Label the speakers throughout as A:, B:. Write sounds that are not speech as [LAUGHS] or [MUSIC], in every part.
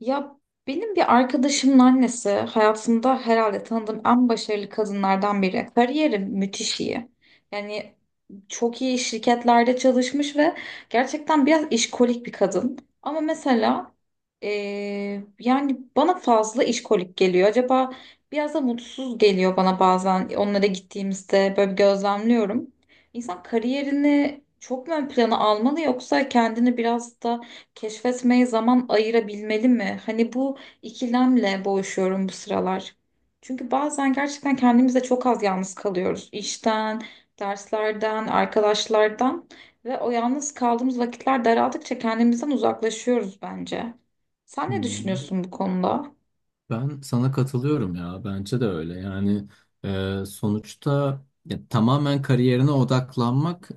A: Ya benim bir arkadaşımın annesi hayatımda herhalde tanıdığım en başarılı kadınlardan biri. Kariyeri müthiş iyi. Yani çok iyi şirketlerde çalışmış ve gerçekten biraz işkolik bir kadın. Ama mesela yani bana fazla işkolik geliyor. Acaba biraz da mutsuz geliyor bana bazen onlara gittiğimizde böyle bir gözlemliyorum. İnsan kariyerini çok mu ön plana almalı yoksa kendini biraz da keşfetmeye zaman ayırabilmeli mi? Hani bu ikilemle boğuşuyorum bu sıralar. Çünkü bazen gerçekten kendimize çok az yalnız kalıyoruz. İşten, derslerden, arkadaşlardan ve o yalnız kaldığımız vakitler daraldıkça kendimizden uzaklaşıyoruz bence. Sen ne
B: Hmm.
A: düşünüyorsun bu konuda?
B: Ben sana katılıyorum ya. Bence de öyle. Yani sonuçta ya, tamamen kariyerine odaklanmak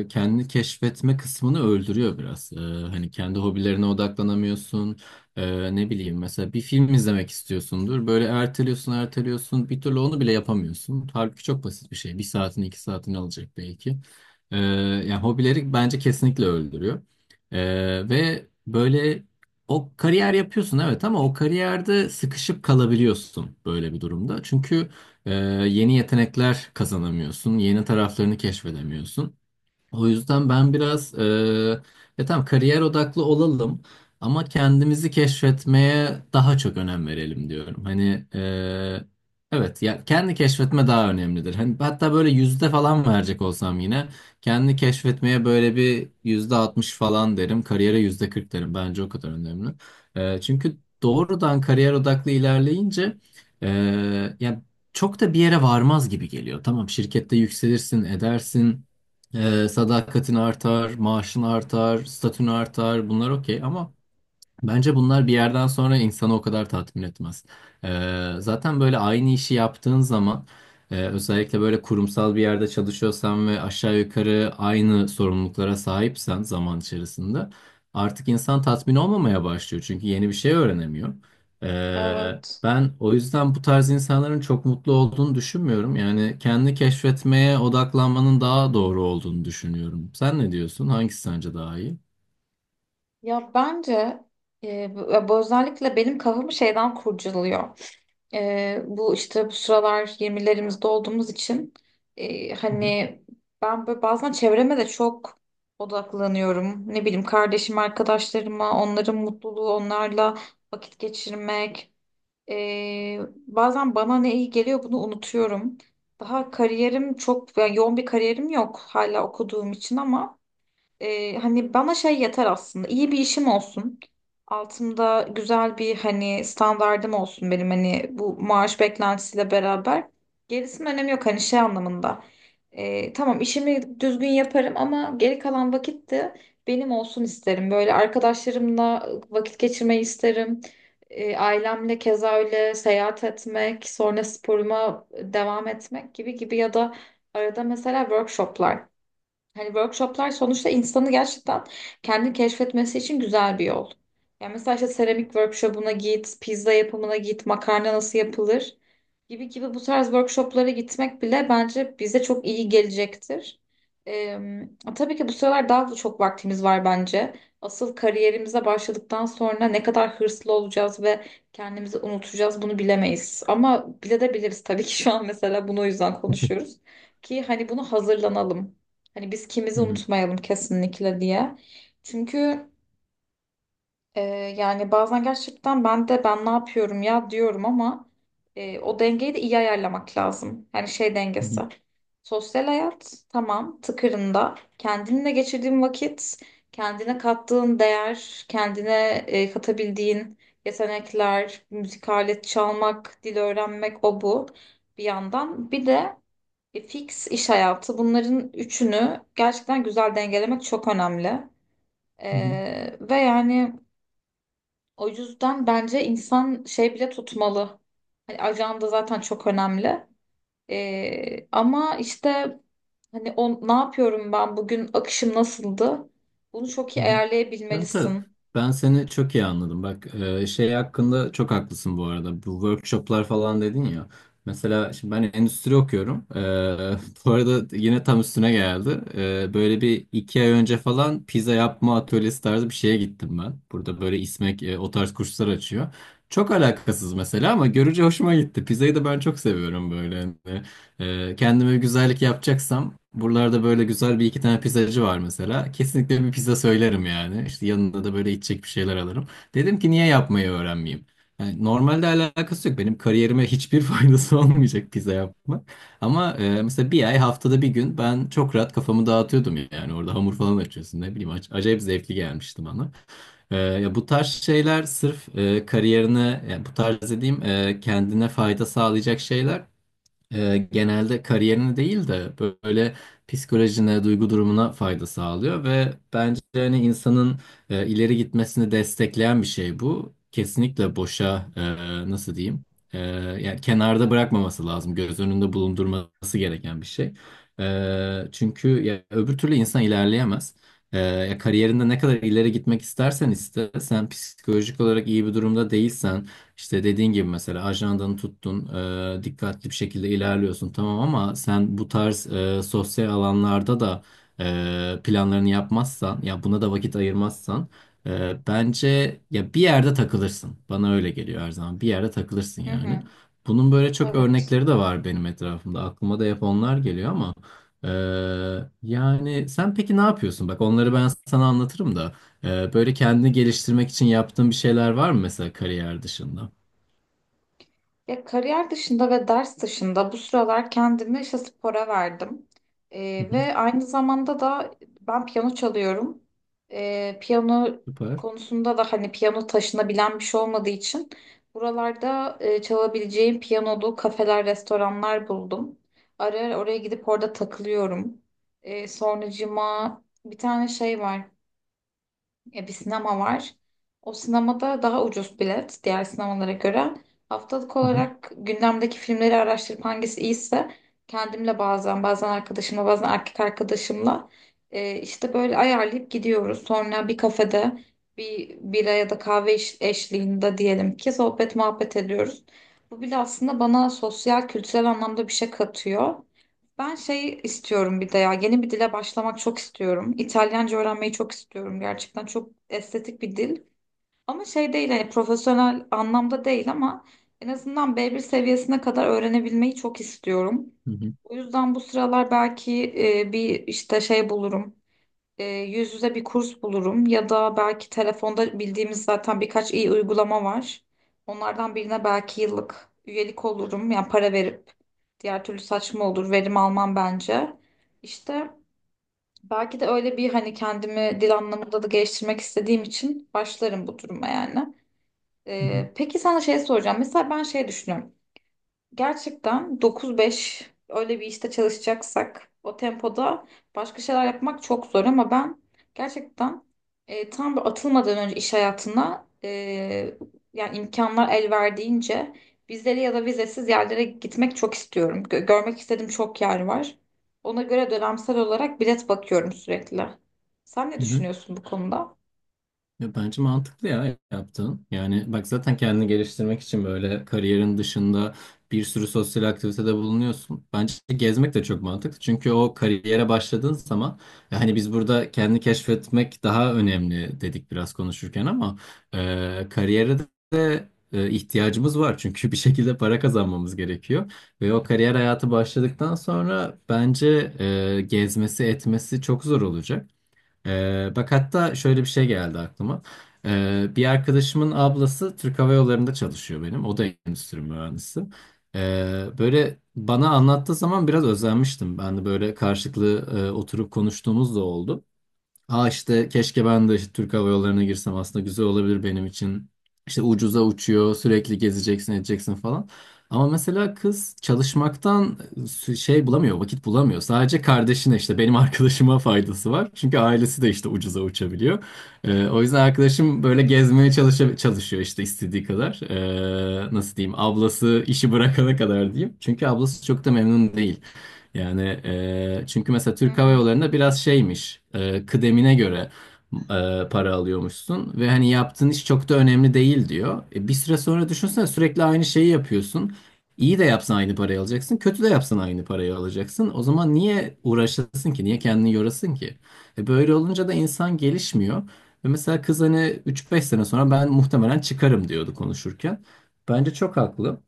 B: kendini keşfetme kısmını öldürüyor biraz. Hani kendi hobilerine odaklanamıyorsun. Ne bileyim, mesela bir film izlemek istiyorsundur. Böyle erteliyorsun, erteliyorsun. Bir türlü onu bile yapamıyorsun. Halbuki çok basit bir şey. Bir saatini, iki saatini alacak belki. Yani hobileri bence kesinlikle öldürüyor. E, Ve böyle o kariyer yapıyorsun, evet, ama o kariyerde sıkışıp kalabiliyorsun böyle bir durumda. Çünkü yeni yetenekler kazanamıyorsun, yeni taraflarını keşfedemiyorsun. O yüzden ben biraz ya tamam, kariyer odaklı olalım ama kendimizi keşfetmeye daha çok önem verelim diyorum. Hani evet, ya kendi keşfetme daha önemlidir. Hani hatta böyle yüzde falan verecek olsam yine kendi keşfetmeye böyle bir %60 falan derim. Kariyere %40 derim. Bence o kadar önemli. Çünkü doğrudan kariyer odaklı ilerleyince e, yani çok da bir yere varmaz gibi geliyor. Tamam, şirkette yükselirsin, edersin. Sadakatin artar, maaşın artar, statün artar, bunlar okey ama... Bence bunlar bir yerden sonra insanı o kadar tatmin etmez. Zaten böyle aynı işi yaptığın zaman özellikle böyle kurumsal bir yerde çalışıyorsan ve aşağı yukarı aynı sorumluluklara sahipsen, zaman içerisinde artık insan tatmin olmamaya başlıyor. Çünkü yeni bir şey öğrenemiyor.
A: Evet.
B: Ben o yüzden bu tarz insanların çok mutlu olduğunu düşünmüyorum. Yani kendi keşfetmeye odaklanmanın daha doğru olduğunu düşünüyorum. Sen ne diyorsun? Hangisi sence daha iyi?
A: Ya bence bu özellikle benim kafamı şeyden kurcalıyor. Bu işte bu sıralar 20'lerimizde olduğumuz için
B: Hı hı.
A: hani ben böyle bazen çevreme de çok odaklanıyorum. Ne bileyim kardeşim, arkadaşlarıma, onların mutluluğu, onlarla vakit geçirmek. Ee, bazen bana ne iyi geliyor bunu unutuyorum. Daha kariyerim çok yani yoğun bir kariyerim yok hala okuduğum için ama hani bana şey yeter aslında. İyi bir işim olsun. Altımda güzel bir hani standardım olsun benim hani bu maaş beklentisiyle beraber. Gerisinin önemi yok hani şey anlamında. Tamam işimi düzgün yaparım ama geri kalan vakit de benim olsun isterim. Böyle arkadaşlarımla vakit geçirmeyi isterim. Ailemle keza öyle seyahat etmek, sonra sporuma devam etmek gibi gibi ya da arada mesela workshoplar. Hani workshoplar sonuçta insanı gerçekten kendi keşfetmesi için güzel bir yol. Yani mesela işte seramik workshopuna git, pizza yapımına git, makarna nasıl yapılır gibi gibi bu tarz workshoplara gitmek bile bence bize çok iyi gelecektir. Ee, tabii ki bu sıralar daha çok vaktimiz var bence. Asıl kariyerimize başladıktan sonra ne kadar hırslı olacağız ve kendimizi unutacağız bunu bilemeyiz. Ama bile de biliriz tabii ki şu an mesela bunu o yüzden konuşuyoruz. Ki hani bunu hazırlanalım. Hani biz kimizi
B: Hı hı,
A: unutmayalım kesinlikle diye. Çünkü e, yani bazen gerçekten ben ne yapıyorum ya diyorum ama o dengeyi de iyi ayarlamak lazım. Yani şey
B: hı
A: dengesi.
B: hı,
A: Sosyal hayat tamam tıkırında. Kendinle geçirdiğin vakit, kendine kattığın değer, kendine katabildiğin yetenekler, müzik alet çalmak, dil öğrenmek o bu bir yandan. Bir de fix iş hayatı bunların üçünü gerçekten güzel dengelemek çok önemli.
B: hı hı.
A: Ve yani o yüzden bence insan şey bile tutmalı. Hani ajanda zaten çok önemli. Ama işte hani o ne yapıyorum ben bugün akışım nasıldı? Bunu çok iyi
B: Evet, evet.
A: ayarlayabilmelisin.
B: Ben seni çok iyi anladım. Bak, şey hakkında çok haklısın bu arada. Bu workshoplar falan dedin ya. Mesela şimdi ben endüstri okuyorum. [LAUGHS] Bu arada yine tam üstüne geldi. Böyle bir iki ay önce falan pizza yapma atölyesi tarzı bir şeye gittim ben. Burada böyle İSMEK o tarz kurslar açıyor. Çok alakasız mesela, ama görünce hoşuma gitti. Pizzayı da ben çok seviyorum böyle. Hani. Kendime bir güzellik yapacaksam, buralarda böyle güzel bir iki tane pizzacı var mesela. Kesinlikle bir pizza söylerim yani. İşte yanında da böyle içecek bir şeyler alırım. Dedim ki niye yapmayı öğrenmeyeyim? Yani normalde alakası yok. Benim kariyerime hiçbir [LAUGHS] faydası olmayacak pizza yapmak. Ama mesela bir ay, haftada bir gün, ben çok rahat kafamı dağıtıyordum yani. Orada hamur falan açıyorsun, ne bileyim. Acayip zevkli gelmişti bana. Ya bu tarz şeyler sırf kariyerine, yani bu tarz dediğim kendine fayda sağlayacak şeyler genelde kariyerine değil de böyle psikolojine, duygu durumuna fayda sağlıyor ve bence hani insanın ileri gitmesini destekleyen bir şey bu. Kesinlikle boşa nasıl diyeyim? E, yani kenarda bırakmaması lazım. Göz önünde bulundurması gereken bir şey. Çünkü ya, öbür türlü insan ilerleyemez. Ya kariyerinde ne kadar ileri gitmek istersen iste, sen psikolojik olarak iyi bir durumda değilsen, işte dediğin gibi mesela ajandanı tuttun, dikkatli bir şekilde ilerliyorsun tamam, ama sen bu tarz sosyal alanlarda da planlarını yapmazsan, ya buna da vakit ayırmazsan, bence ya bir yerde takılırsın. Bana öyle geliyor her zaman. Bir yerde takılırsın
A: Hı
B: yani.
A: hı,
B: Bunun böyle çok
A: evet.
B: örnekleri de var benim etrafımda. Aklıma da hep onlar geliyor, ama e, yani sen peki ne yapıyorsun? Bak, onları ben sana anlatırım da. Böyle kendini geliştirmek için yaptığın bir şeyler var mı mesela, kariyer dışında?
A: Ya kariyer dışında ve ders dışında bu sıralar kendimi işte spora verdim.
B: Hı hı,
A: Ve aynı zamanda da ben piyano çalıyorum. Piyano
B: süper.
A: konusunda da hani piyano taşınabilen bir şey olmadığı için buralarda çalabileceğim piyanolu kafeler, restoranlar buldum. Ara ara oraya gidip orada takılıyorum. Sonracığıma bir tane şey var. Bir sinema var. O sinemada daha ucuz bilet diğer sinemalara göre. Haftalık
B: Hı hı,
A: olarak gündemdeki filmleri araştırıp hangisi iyiyse kendimle bazen arkadaşımla bazen erkek arkadaşımla işte böyle ayarlayıp gidiyoruz. Sonra bir kafede bir bira ya da kahve eşliğinde diyelim ki sohbet muhabbet ediyoruz. Bu bile aslında bana sosyal kültürel anlamda bir şey katıyor. Ben şey istiyorum bir de ya yeni bir dile başlamak çok istiyorum. İtalyanca öğrenmeyi çok istiyorum gerçekten. Çok estetik bir dil. Ama şey değil hani profesyonel anlamda değil ama en azından B1 seviyesine kadar öğrenebilmeyi çok istiyorum.
B: hı hı,
A: O yüzden bu sıralar belki bir işte şey bulurum yüz yüze bir kurs bulurum ya da belki telefonda bildiğimiz zaten birkaç iyi uygulama var. Onlardan birine belki yıllık üyelik olurum. Yani para verip diğer türlü saçma olur. Verim almam bence. İşte belki de öyle bir hani kendimi dil anlamında da geliştirmek istediğim için başlarım bu duruma yani.
B: hı hı,
A: Peki sana şey soracağım. Mesela ben şey düşünüyorum. Gerçekten 9-5 öyle bir işte çalışacaksak o tempoda başka şeyler yapmak çok zor ama ben gerçekten tam bir atılmadan önce iş hayatına yani imkanlar el verdiğince vizeli ya da vizesiz yerlere gitmek çok istiyorum. Görmek istediğim çok yer var. Ona göre dönemsel olarak bilet bakıyorum sürekli. Sen ne
B: hı hı.
A: düşünüyorsun bu konuda?
B: Ya bence mantıklı ya yaptığın. Yani bak, zaten kendini geliştirmek için böyle kariyerin dışında bir sürü sosyal aktivitede bulunuyorsun. Bence gezmek de çok mantıklı. Çünkü o kariyere başladığın zaman, hani biz burada kendini keşfetmek daha önemli dedik biraz konuşurken, ama kariyere de ihtiyacımız var. Çünkü bir şekilde para kazanmamız gerekiyor. Ve o kariyer hayatı başladıktan sonra bence gezmesi etmesi çok zor olacak. Bak hatta şöyle bir şey geldi aklıma. Bir arkadaşımın ablası Türk Hava Yolları'nda çalışıyor benim. O da endüstri mühendisi. Böyle bana anlattığı zaman biraz özenmiştim. Ben de böyle karşılıklı oturup konuştuğumuz da oldu. Aa, işte keşke ben de işte Türk Hava Yolları'na girsem, aslında güzel olabilir benim için. İşte ucuza uçuyor, sürekli gezeceksin, edeceksin falan. Ama mesela kız çalışmaktan şey bulamıyor, vakit bulamıyor. Sadece kardeşine, işte benim [LAUGHS] arkadaşıma faydası var. Çünkü ailesi de işte ucuza uçabiliyor. O yüzden arkadaşım böyle gezmeye çalışıyor işte, istediği kadar. Nasıl diyeyim, ablası işi bırakana kadar diyeyim. Çünkü ablası çok da memnun değil. Yani çünkü mesela
A: Hı
B: Türk Hava
A: hı.
B: Yolları'nda biraz şeymiş, kıdemine göre para alıyormuşsun ve hani yaptığın iş çok da önemli değil diyor. Bir süre sonra düşünsene, sürekli aynı şeyi yapıyorsun. İyi de yapsan aynı parayı alacaksın, kötü de yapsan aynı parayı alacaksın. O zaman niye uğraşasın ki? Niye kendini yorasın ki? Böyle olunca da insan gelişmiyor. Ve mesela kız hani 3-5 sene sonra ben muhtemelen çıkarım diyordu konuşurken. Bence çok haklı.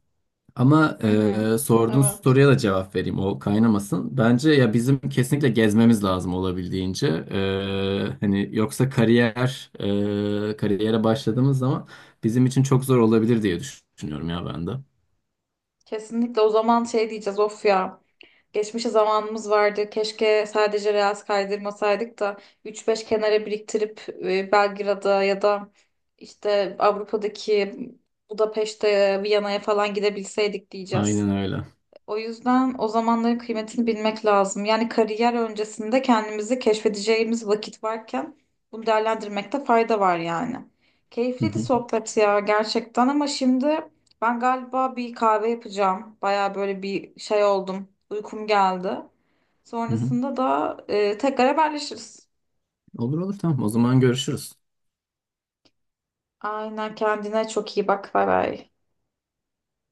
B: Ama
A: Hı hı.
B: sorduğun
A: Evet.
B: soruya da cevap vereyim, o kaynamasın. Bence ya bizim kesinlikle gezmemiz lazım olabildiğince. Hani yoksa kariyer, kariyere başladığımız zaman bizim için çok zor olabilir diye düşünüyorum ya ben de.
A: Kesinlikle o zaman şey diyeceğiz of ya. Geçmişe zamanımız vardı. Keşke sadece reels kaydırmasaydık da üç beş kenara biriktirip Belgrad'a ya da işte Avrupa'daki Budapeşte, Viyana'ya falan gidebilseydik diyeceğiz.
B: Aynen öyle.
A: O yüzden o zamanların kıymetini bilmek lazım. Yani kariyer öncesinde kendimizi keşfedeceğimiz vakit varken bunu değerlendirmekte fayda var yani.
B: Hı
A: Keyifliydi
B: hı,
A: sohbet ya gerçekten ama şimdi ben galiba bir kahve yapacağım. Baya böyle bir şey oldum. Uykum geldi.
B: hı hı.
A: Sonrasında da tekrar haberleşiriz.
B: Olur olur, tamam, o zaman görüşürüz.
A: Aynen kendine çok iyi bak. Bay bay.